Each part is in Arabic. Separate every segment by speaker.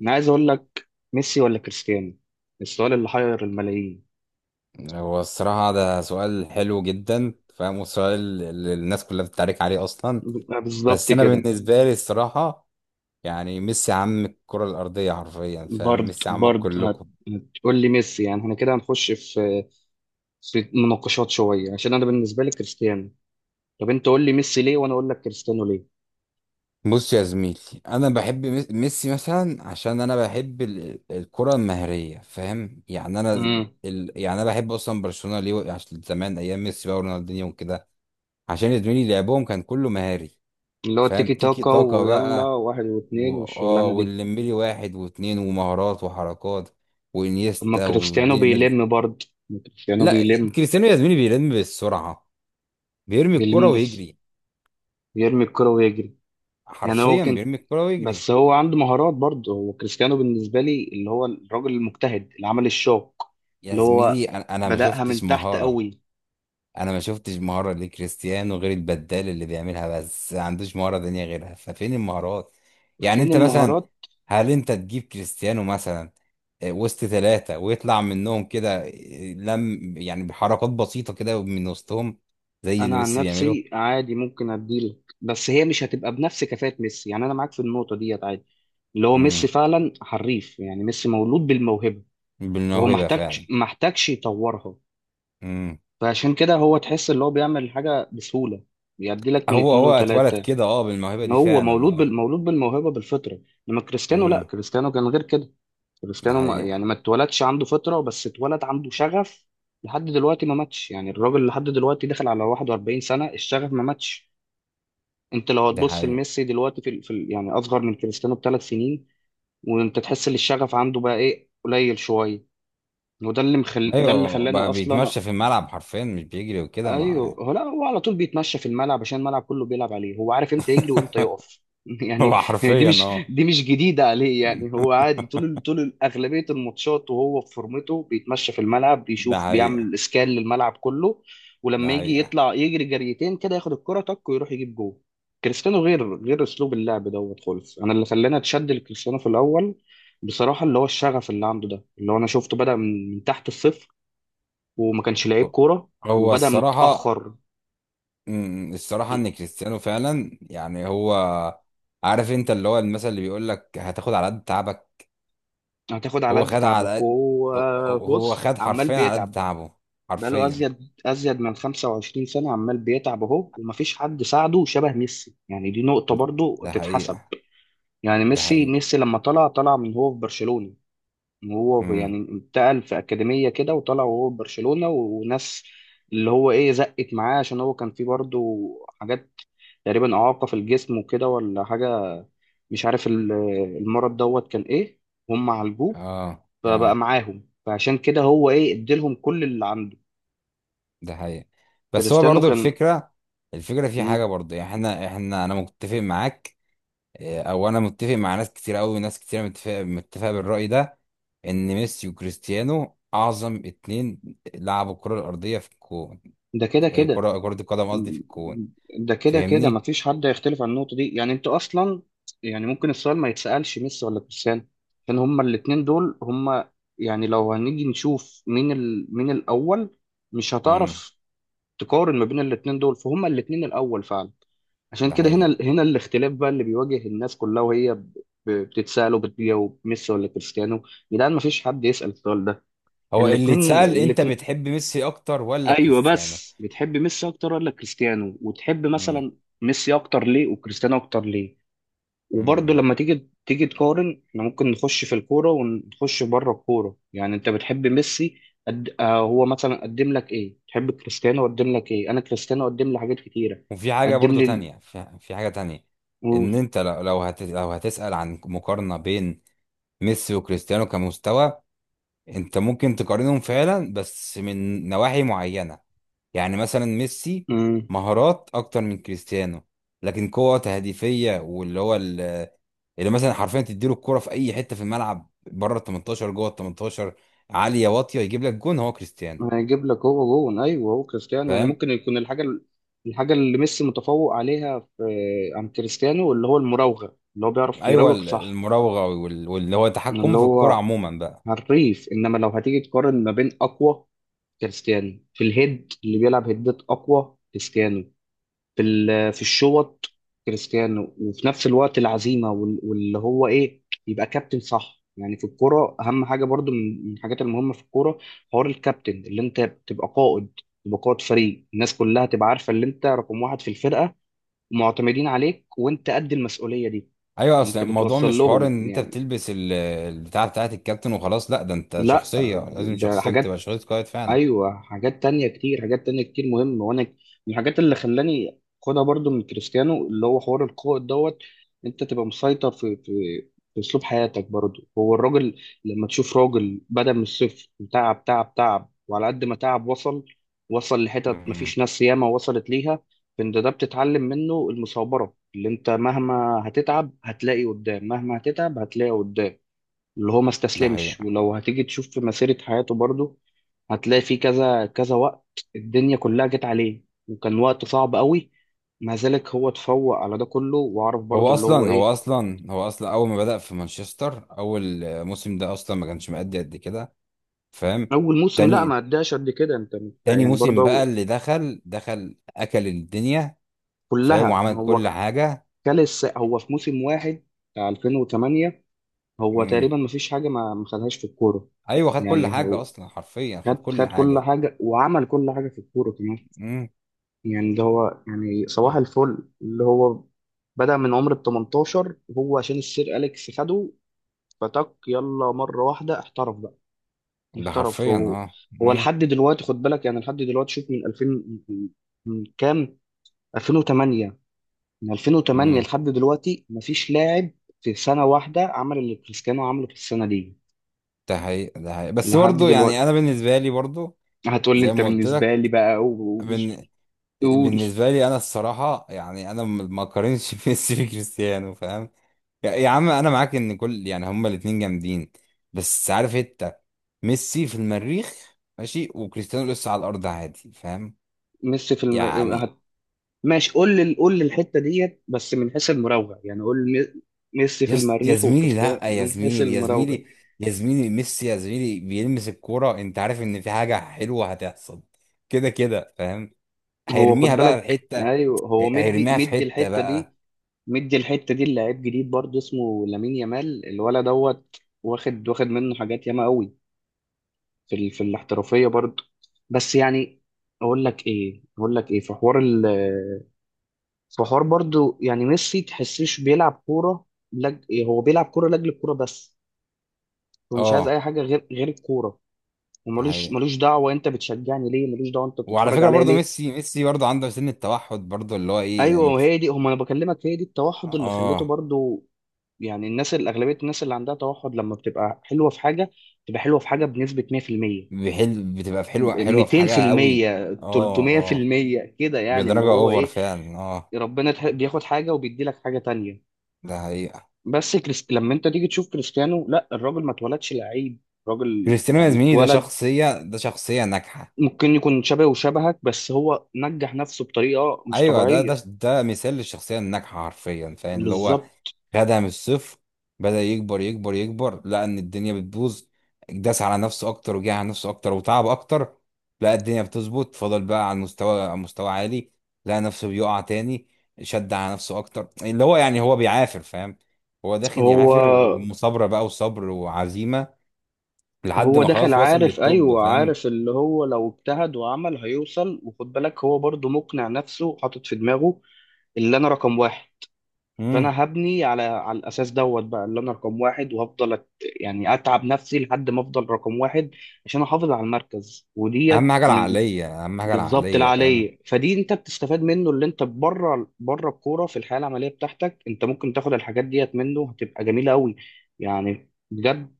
Speaker 1: انا عايز اقول لك، ميسي ولا كريستيانو؟ السؤال اللي حير الملايين.
Speaker 2: هو الصراحة ده سؤال حلو جدا، فاهم، وسؤال اللي الناس كلها بتتعارك عليه أصلا.
Speaker 1: بالظبط
Speaker 2: بس أنا
Speaker 1: كده.
Speaker 2: بالنسبة لي الصراحة يعني ميسي عم الكرة الأرضية حرفيا، فاهم،
Speaker 1: برد
Speaker 2: ميسي عم
Speaker 1: برد
Speaker 2: كلكم.
Speaker 1: هتقول لي ميسي؟ يعني احنا كده هنخش في مناقشات شويه، عشان انا بالنسبه لي كريستيانو. طب انت قول لي ميسي ليه وانا اقول لك كريستيانو ليه.
Speaker 2: بص يا زميلي، أنا بحب ميسي مثلا عشان أنا بحب الكرة المهرية، فاهم يعني أنا.
Speaker 1: امم
Speaker 2: يعني أنا بحب أصلا برشلونة ليه؟ عشان زمان أيام ميسي بقى ورونالدينيو وكده. عشان يا زميلي لعبهم كان كله مهاري.
Speaker 1: اللي هو
Speaker 2: فاهم،
Speaker 1: التيكي
Speaker 2: تيكي
Speaker 1: تاكا
Speaker 2: تاكا
Speaker 1: ويلا
Speaker 2: بقى.
Speaker 1: واحد
Speaker 2: و...
Speaker 1: واثنين
Speaker 2: اه
Speaker 1: والشغلانه دي.
Speaker 2: والليمبلي واحد واثنين ومهارات وحركات
Speaker 1: طب ما
Speaker 2: وانيستا
Speaker 1: كريستيانو
Speaker 2: والدنيا الناس دي.
Speaker 1: بيلم برضه، ما كريستيانو
Speaker 2: لا
Speaker 1: بيلم.
Speaker 2: كريستيانو يا زميلي بيلم بالسرعه، بيرمي الكرة
Speaker 1: بيلم بس
Speaker 2: ويجري.
Speaker 1: يرمي الكرة ويجري. يعني هو
Speaker 2: حرفيا
Speaker 1: كان،
Speaker 2: بيرمي الكرة ويجري.
Speaker 1: بس هو عنده مهارات برضه. هو كريستيانو بالنسبة لي اللي هو الراجل المجتهد اللي عمل الشوك،
Speaker 2: يا
Speaker 1: اللي هو
Speaker 2: زميلي أنا ما
Speaker 1: بدأها
Speaker 2: شفتش
Speaker 1: من تحت
Speaker 2: مهاره.
Speaker 1: قوي.
Speaker 2: انا ما شفتش مهاره لكريستيانو غير البدال اللي بيعملها، بس ما عندوش مهاره تانية غيرها، ففين المهارات؟ يعني
Speaker 1: فين
Speaker 2: انت مثلا،
Speaker 1: المهارات؟
Speaker 2: هل انت تجيب كريستيانو مثلا وسط ثلاثة ويطلع منهم كده، لم يعني بحركات بسيطة كده من وسطهم زي
Speaker 1: أنا
Speaker 2: اللي
Speaker 1: عن
Speaker 2: ميسي بيعمله؟
Speaker 1: نفسي عادي ممكن أديلك، بس هي مش هتبقى بنفس كفاءة ميسي. يعني أنا معاك في النقطة ديت عادي، اللي هو ميسي
Speaker 2: امم
Speaker 1: فعلا حريف. يعني ميسي مولود بالموهبة، وهو
Speaker 2: بالموهبة
Speaker 1: محتاجش
Speaker 2: فعلا.
Speaker 1: محتاجش يطورها.
Speaker 2: امم
Speaker 1: فعشان كده هو تحس اللي هو بيعمل الحاجة بسهولة، بيديلك من
Speaker 2: هو
Speaker 1: اتنين
Speaker 2: هو اتولد
Speaker 1: وتلاتة.
Speaker 2: كده، اه، بالموهبة دي
Speaker 1: هو
Speaker 2: فعلا، اه.
Speaker 1: مولود بالموهبه بالفطره. انما كريستيانو لا،
Speaker 2: امم
Speaker 1: كريستيانو كان غير كده.
Speaker 2: ده
Speaker 1: كريستيانو ما... يعني
Speaker 2: حقيقة.
Speaker 1: ما اتولدش عنده فطره، بس اتولد عنده شغف. لحد دلوقتي ما ماتش. يعني الراجل لحد دلوقتي داخل على 41 سنه، الشغف ما ماتش. انت لو
Speaker 2: ده
Speaker 1: هتبص
Speaker 2: حقيقة.
Speaker 1: لميسي دلوقتي في, يعني اصغر من كريستيانو بثلاث سنين، وانت تحس ان الشغف عنده بقى ايه، قليل شويه. ده اللي
Speaker 2: ايوه
Speaker 1: خلاني
Speaker 2: بقى
Speaker 1: اصلا.
Speaker 2: بيتمشى في الملعب حرفيا، مش بيجري وكده ما.
Speaker 1: ايوه هو، لا هو على طول بيتمشى في الملعب، عشان الملعب كله بيلعب عليه. هو عارف امتى يجري وامتى يقف. يعني
Speaker 2: هو
Speaker 1: دي
Speaker 2: حرفيا
Speaker 1: مش،
Speaker 2: اه.
Speaker 1: دي مش جديده عليه.
Speaker 2: مم.
Speaker 1: يعني هو عادي طول، طول اغلبيه الماتشات وهو في فورمته بيتمشى في الملعب،
Speaker 2: ده
Speaker 1: بيشوف،
Speaker 2: حقيقة.
Speaker 1: بيعمل اسكان للملعب كله. ولما
Speaker 2: ده
Speaker 1: يجي
Speaker 2: حقيقة.
Speaker 1: يطلع يجري جريتين كده، ياخد الكره تك ويروح يجيب جول. كريستيانو غير، غير اسلوب اللعب دوت خالص. انا اللي خلاني اتشد لكريستيانو في الاول بصراحه اللي هو الشغف اللي عنده ده، اللي هو انا شفته بدا من تحت الصفر، وما كانش لعيب كوره
Speaker 2: هو
Speaker 1: وبدأ
Speaker 2: الصراحة،
Speaker 1: متأخر.
Speaker 2: الصراحة ان كريستيانو فعلا، يعني هو، عارف انت اللي هو المثل اللي بيقول لك هتاخد على قد تعبك.
Speaker 1: هتاخد على
Speaker 2: هو
Speaker 1: قد
Speaker 2: خد على
Speaker 1: تعبك،
Speaker 2: قد،
Speaker 1: وهو
Speaker 2: هو
Speaker 1: بص
Speaker 2: خد
Speaker 1: عمال
Speaker 2: حرفيا على قد
Speaker 1: بيتعب.
Speaker 2: تعبه،
Speaker 1: بقاله
Speaker 2: حرفيا.
Speaker 1: أزيد من 25 سنة عمال بيتعب أهو، ومفيش حد ساعده شبه ميسي. يعني دي نقطة برضو
Speaker 2: ده
Speaker 1: تتحسب.
Speaker 2: حقيقة.
Speaker 1: يعني
Speaker 2: ده
Speaker 1: ميسي
Speaker 2: حقيقة.
Speaker 1: ميسي لما طلع، طلع من هو في برشلونة. يعني
Speaker 2: امم
Speaker 1: انتقل في أكاديمية كده، وطلع وهو في برشلونة، وناس اللي هو إيه زقت معاه، عشان هو كان فيه برضو حاجات تقريبا إعاقة في الجسم وكده ولا حاجة، مش عارف المرض دوت كان إيه. هم عالجوه
Speaker 2: اه
Speaker 1: فبقى
Speaker 2: اه.
Speaker 1: معاهم، فعشان كده هو ايه اديلهم كل اللي عنده.
Speaker 2: ده حقيقة. بس هو
Speaker 1: كريستيانو
Speaker 2: برضو
Speaker 1: كان.
Speaker 2: الفكرة، الفكرة في حاجة
Speaker 1: مم.
Speaker 2: برضو، يعني احنا انا متفق معاك. او انا متفق مع ناس كتير قوي، وناس كتير متفق بالرأي ده. ان ميسي وكريستيانو اعظم اتنين لعبوا الكرة الأرضية في الكون.
Speaker 1: ده كده
Speaker 2: في
Speaker 1: كده.
Speaker 2: كرة القدم قصدي، في
Speaker 1: مم.
Speaker 2: الكون.
Speaker 1: ده كده كده،
Speaker 2: فاهمني.
Speaker 1: مفيش حد هيختلف عن النقطة دي. يعني انت اصلا، يعني ممكن السؤال ما يتسألش ميسي ولا كريستيانو، عشان هما الاتنين دول هما. يعني لو هنيجي نشوف مين مين الاول، مش
Speaker 2: امم
Speaker 1: هتعرف تقارن ما بين الاتنين دول، فهما الاتنين الاول فعلا. عشان
Speaker 2: ده
Speaker 1: كده هنا
Speaker 2: حقيقة.
Speaker 1: هنا الاختلاف بقى اللي بيواجه الناس كلها، وهي بتتسأل وبتجاوب ميسي ولا كريستيانو. يا جدعان، ما فيش حد يسأل السؤال ده.
Speaker 2: هو اللي
Speaker 1: الاتنين
Speaker 2: اتسأل، انت
Speaker 1: الاتنين.
Speaker 2: بتحب ميسي اكتر ولا
Speaker 1: ايوه
Speaker 2: كريستيانو؟
Speaker 1: بس بتحب ميسي اكتر ولا كريستيانو، وتحب
Speaker 2: امم
Speaker 1: مثلا ميسي اكتر ليه وكريستيانو اكتر ليه. وبرضه
Speaker 2: امم
Speaker 1: لما تيجي تقارن، احنا ممكن نخش في الكورة ونخش بره الكورة. يعني انت بتحب ميسي آه هو مثلا قدم لك ايه، تحب كريستيانو قدم لك ايه؟ انا كريستيانو قدم لي حاجات كتيرة.
Speaker 2: وفي حاجة
Speaker 1: قدم
Speaker 2: برضو
Speaker 1: لي
Speaker 2: تانية، في حاجة تانية. ان
Speaker 1: ال-
Speaker 2: انت لو هتسأل عن مقارنة بين ميسي وكريستيانو كمستوى، انت ممكن تقارنهم فعلا بس من نواحي معينة. يعني مثلا ميسي،
Speaker 1: و...
Speaker 2: مهارات اكتر من كريستيانو. لكن قوة تهديفية، اللي مثلا حرفيا تديله الكرة في اي حتة في الملعب، بره ال 18 جوه ال 18، عالية واطية، يجيب لك جون، هو كريستيانو.
Speaker 1: هيجيب لك هو جون، ايوه هو كريستيانو. يعني
Speaker 2: فاهم.
Speaker 1: ممكن يكون الحاجه اللي ميسي متفوق عليها في، عن كريستيانو اللي هو المراوغه، اللي هو بيعرف
Speaker 2: ايوه،
Speaker 1: يراوغ صح،
Speaker 2: المراوغة، واللي هو
Speaker 1: اللي
Speaker 2: تحكمه في الكرة
Speaker 1: هو
Speaker 2: عموما بقى.
Speaker 1: حريف. انما لو هتيجي تقارن ما بين اقوى، كريستيانو في الهيد اللي بيلعب هيدات، اقوى كريستيانو في في الشوط كريستيانو. وفي نفس الوقت العزيمه واللي هو ايه، يبقى كابتن صح. يعني في الكوره اهم حاجه برضو، من الحاجات المهمه في الكوره حوار الكابتن، اللي انت تبقى قائد، تبقى قائد فريق، الناس كلها تبقى عارفه اللي انت رقم واحد في الفرقه، ومعتمدين عليك، وانت قد المسؤوليه دي.
Speaker 2: ايوه، اصل
Speaker 1: انت
Speaker 2: الموضوع
Speaker 1: بتوصل
Speaker 2: مش حوار
Speaker 1: لهم
Speaker 2: ان انت
Speaker 1: يعني.
Speaker 2: بتلبس البتاع بتاعت الكابتن وخلاص، لا ده انت
Speaker 1: لا
Speaker 2: شخصية، لازم
Speaker 1: ده
Speaker 2: شخصيتك تبقى
Speaker 1: حاجات.
Speaker 2: شخصية قائد.
Speaker 1: ايوه حاجات تانية كتير، حاجات تانية كتير مهمة. وانا من الحاجات اللي خلاني خدها برضو من كريستيانو اللي هو حوار القائد دوت. انت تبقى مسيطر في في اسلوب حياتك برضو. هو الراجل لما تشوف راجل بدأ من الصفر، تعب تعب تعب، وعلى قد ما تعب وصل. وصل لحتت
Speaker 2: فعلا.
Speaker 1: مفيش ناس ياما وصلت ليها. فانت ده بتتعلم منه المثابرة، اللي انت مهما هتتعب هتلاقي قدام، مهما هتتعب هتلاقي قدام، اللي هو ما
Speaker 2: ده
Speaker 1: استسلمش.
Speaker 2: حقيقة.
Speaker 1: ولو هتيجي تشوف في مسيرة حياته برضه، هتلاقي في كذا كذا وقت الدنيا كلها جت عليه، وكان وقت صعب قوي، مع ذلك هو اتفوق على ده كله، وعرف برضه
Speaker 2: هو
Speaker 1: اللي هو
Speaker 2: أصلا هو
Speaker 1: ايه.
Speaker 2: أصلا هو أصلا أول ما بدأ في مانشستر، أول موسم ده أصلا ما كانش مأدي قد كده، فاهم.
Speaker 1: اول موسم لا ما
Speaker 2: تاني،
Speaker 1: اداش قد كده، انت
Speaker 2: تاني
Speaker 1: يعني
Speaker 2: موسم بقى
Speaker 1: برضه
Speaker 2: اللي دخل أكل الدنيا، فاهم،
Speaker 1: كلها. ما
Speaker 2: وعمل كل
Speaker 1: هو
Speaker 2: حاجة.
Speaker 1: هو في موسم واحد بتاع 2008 هو
Speaker 2: مم.
Speaker 1: تقريبا ما فيش حاجة ما خدهاش في الكورة.
Speaker 2: أيوه خد كل
Speaker 1: يعني
Speaker 2: حاجة،
Speaker 1: هو
Speaker 2: أصلا حرفيا خد
Speaker 1: خد
Speaker 2: كل
Speaker 1: خد كل
Speaker 2: حاجة.
Speaker 1: حاجة، وعمل كل حاجة في الكورة كمان.
Speaker 2: مم.
Speaker 1: يعني ده هو، يعني صباح الفل اللي هو بدأ من عمر ال 18، هو عشان السير أليكس خده فتك يلا مرة واحدة احترف بقى.
Speaker 2: ده
Speaker 1: احترف
Speaker 2: حرفيا
Speaker 1: هو.
Speaker 2: أه،
Speaker 1: هو
Speaker 2: مم.
Speaker 1: لحد دلوقتي خد بالك، يعني لحد دلوقتي شوف من 2000، من من كام، 2008، من 2008
Speaker 2: مم.
Speaker 1: لحد دلوقتي مفيش لاعب في سنة واحدة عمل اللي كريستيانو عمله في السنة دي
Speaker 2: ده حقيقة. ده حقيقة، بس
Speaker 1: لحد
Speaker 2: برضه
Speaker 1: دلوقتي.
Speaker 2: يعني أنا بالنسبة لي برضه،
Speaker 1: هتقول لي
Speaker 2: زي
Speaker 1: انت
Speaker 2: ما قلت
Speaker 1: بالنسبة لي
Speaker 2: لك،
Speaker 1: بقى، قول. قول.
Speaker 2: بالنسبة لي أنا الصراحة، يعني أنا ما أقارنش ميسي بكريستيانو، فاهم. يا عم، أنا معاك إن كل، يعني هما الاتنين جامدين. بس عارف أنت، ميسي في المريخ ماشي وكريستيانو لسه على الأرض عادي، فاهم
Speaker 1: ميسي في
Speaker 2: يعني.
Speaker 1: الم... ماشي، قول لي الحته ديت بس من حيث المراوغه، يعني قول لي ميسي في
Speaker 2: يا
Speaker 1: المريخ
Speaker 2: زميلي
Speaker 1: وكريستيانو
Speaker 2: لأ، يا
Speaker 1: من حيث
Speaker 2: زميلي يا
Speaker 1: المراوغه.
Speaker 2: زميلي يا زميلي ميسي، يا زميلي بيلمس الكورة أنت عارف إن في حاجة حلوة هتحصل. كده كده فاهم.
Speaker 1: هو خد
Speaker 2: هيرميها بقى في
Speaker 1: بالك،
Speaker 2: حتة.
Speaker 1: ايوه هو مدي
Speaker 2: هيرميها في
Speaker 1: مدي
Speaker 2: حتة
Speaker 1: الحته دي،
Speaker 2: بقى،
Speaker 1: مدي الحته دي لعيب جديد برضه اسمه لامين يامال الولد دوت، واخد منه حاجات ياما قوي في في الاحترافيه برضه. بس يعني اقول لك ايه في في حوار برضه، يعني ميسي تحسيش بيلعب كوره. هو بيلعب كوره لاجل الكوره بس. هو مش عايز اي
Speaker 2: أه
Speaker 1: حاجه غير، غير الكوره. وملوش
Speaker 2: يعني.
Speaker 1: ملوش دعوه انت بتشجعني ليه، ملوش دعوه انت
Speaker 2: وعلى
Speaker 1: بتتفرج
Speaker 2: فكرة
Speaker 1: عليا
Speaker 2: برضو
Speaker 1: ليه.
Speaker 2: ميسي، برضو عنده سن التوحد برضو، اللي هو ايه
Speaker 1: ايوه
Speaker 2: يعني،
Speaker 1: وهي دي، هم انا بكلمك هي دي التوحد اللي خليته
Speaker 2: اه.
Speaker 1: برضو. يعني الناس اللي، اغلبيه الناس اللي عندها توحد لما بتبقى حلوه في حاجه بنسبه 100%،
Speaker 2: بحل بتبقى في حلوة حلوة في حاجة قوي،
Speaker 1: 200%،
Speaker 2: اه اه،
Speaker 1: 300% كده. يعني اللي
Speaker 2: بدرجة
Speaker 1: هو
Speaker 2: اوفر
Speaker 1: ايه،
Speaker 2: فعلا اه.
Speaker 1: ربنا بياخد حاجه وبيدي لك حاجه تانية.
Speaker 2: ده حقيقة.
Speaker 1: بس لما انت تيجي تشوف كريستيانو لا، الراجل ما اتولدش لعيب. الراجل
Speaker 2: كريستيانو يا
Speaker 1: يعني
Speaker 2: زميلي ده
Speaker 1: اتولد،
Speaker 2: شخصية، ده شخصية ناجحة.
Speaker 1: ممكن يكون شبهه وشبهك، بس هو نجح نفسه بطريقة مش
Speaker 2: ايوه، ده
Speaker 1: طبيعية.
Speaker 2: ده ده مثال للشخصية الناجحة حرفيا، فاهم اللي هو،
Speaker 1: بالظبط.
Speaker 2: خدها من الصفر. بدأ يكبر يكبر يكبر، لقى ان الدنيا بتبوظ، داس على نفسه اكتر، وجه على نفسه اكتر وتعب اكتر. لقى الدنيا بتظبط، فضل بقى على المستوى، على مستوى عالي. لقى نفسه بيقع تاني، شد على نفسه اكتر، اللي هو يعني هو بيعافر، فاهم. هو داخل
Speaker 1: هو
Speaker 2: يعافر، ومثابرة بقى وصبر وعزيمة، لحد
Speaker 1: هو
Speaker 2: ما
Speaker 1: داخل
Speaker 2: خلاص وصل
Speaker 1: عارف،
Speaker 2: للتوب،
Speaker 1: ايوه
Speaker 2: فاهم.
Speaker 1: عارف اللي هو لو اجتهد وعمل هيوصل. وخد بالك هو برضو مقنع نفسه، حاطط في دماغه اللي انا رقم واحد،
Speaker 2: امم
Speaker 1: فانا هبني على الاساس دوت بقى، اللي انا رقم واحد، وهفضل يعني اتعب نفسي لحد ما افضل رقم واحد عشان احافظ على المركز
Speaker 2: اهم
Speaker 1: وديت
Speaker 2: حاجة
Speaker 1: من.
Speaker 2: العقلية، اهم حاجة
Speaker 1: بالظبط
Speaker 2: العقلية، فاهم.
Speaker 1: العاليه. فدي انت بتستفاد منه اللي انت بره، بره الكوره في الحياه العمليه بتاعتك، انت ممكن تاخد الحاجات ديت منه هتبقى جميله قوي يعني بجد.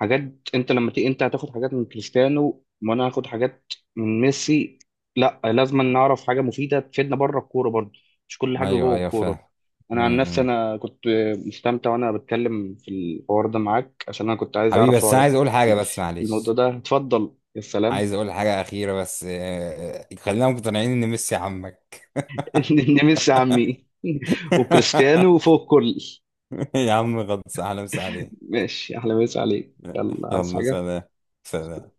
Speaker 1: حاجات انت لما تيجي انت هتاخد حاجات من كريستيانو، وانا هاخد حاجات من ميسي. لا لازم نعرف حاجه مفيده تفيدنا بره الكوره برضه، مش كل حاجه
Speaker 2: ايوه
Speaker 1: جوه
Speaker 2: ايوه
Speaker 1: الكوره.
Speaker 2: فاهم.
Speaker 1: انا عن نفسي
Speaker 2: امم
Speaker 1: انا كنت مستمتع وانا بتكلم في الحوار ده معاك، عشان انا كنت عايز
Speaker 2: حبيبي،
Speaker 1: اعرف
Speaker 2: بس انا
Speaker 1: رايك
Speaker 2: عايز اقول حاجة، بس
Speaker 1: في الموضوع
Speaker 2: معلش.
Speaker 1: ده. اتفضل يا سلام.
Speaker 2: عايز اقول حاجه اخيره بس، خلينا مقتنعين ان ميسي عمك.
Speaker 1: نمس عمي. وكريستيانو وفوق الكل.
Speaker 2: يا عم غلط، اهلا وسهلا عليك.
Speaker 1: ماشي احلى مسا عليك، يلا عايز
Speaker 2: يلا
Speaker 1: حاجة؟
Speaker 2: سلام. سلام.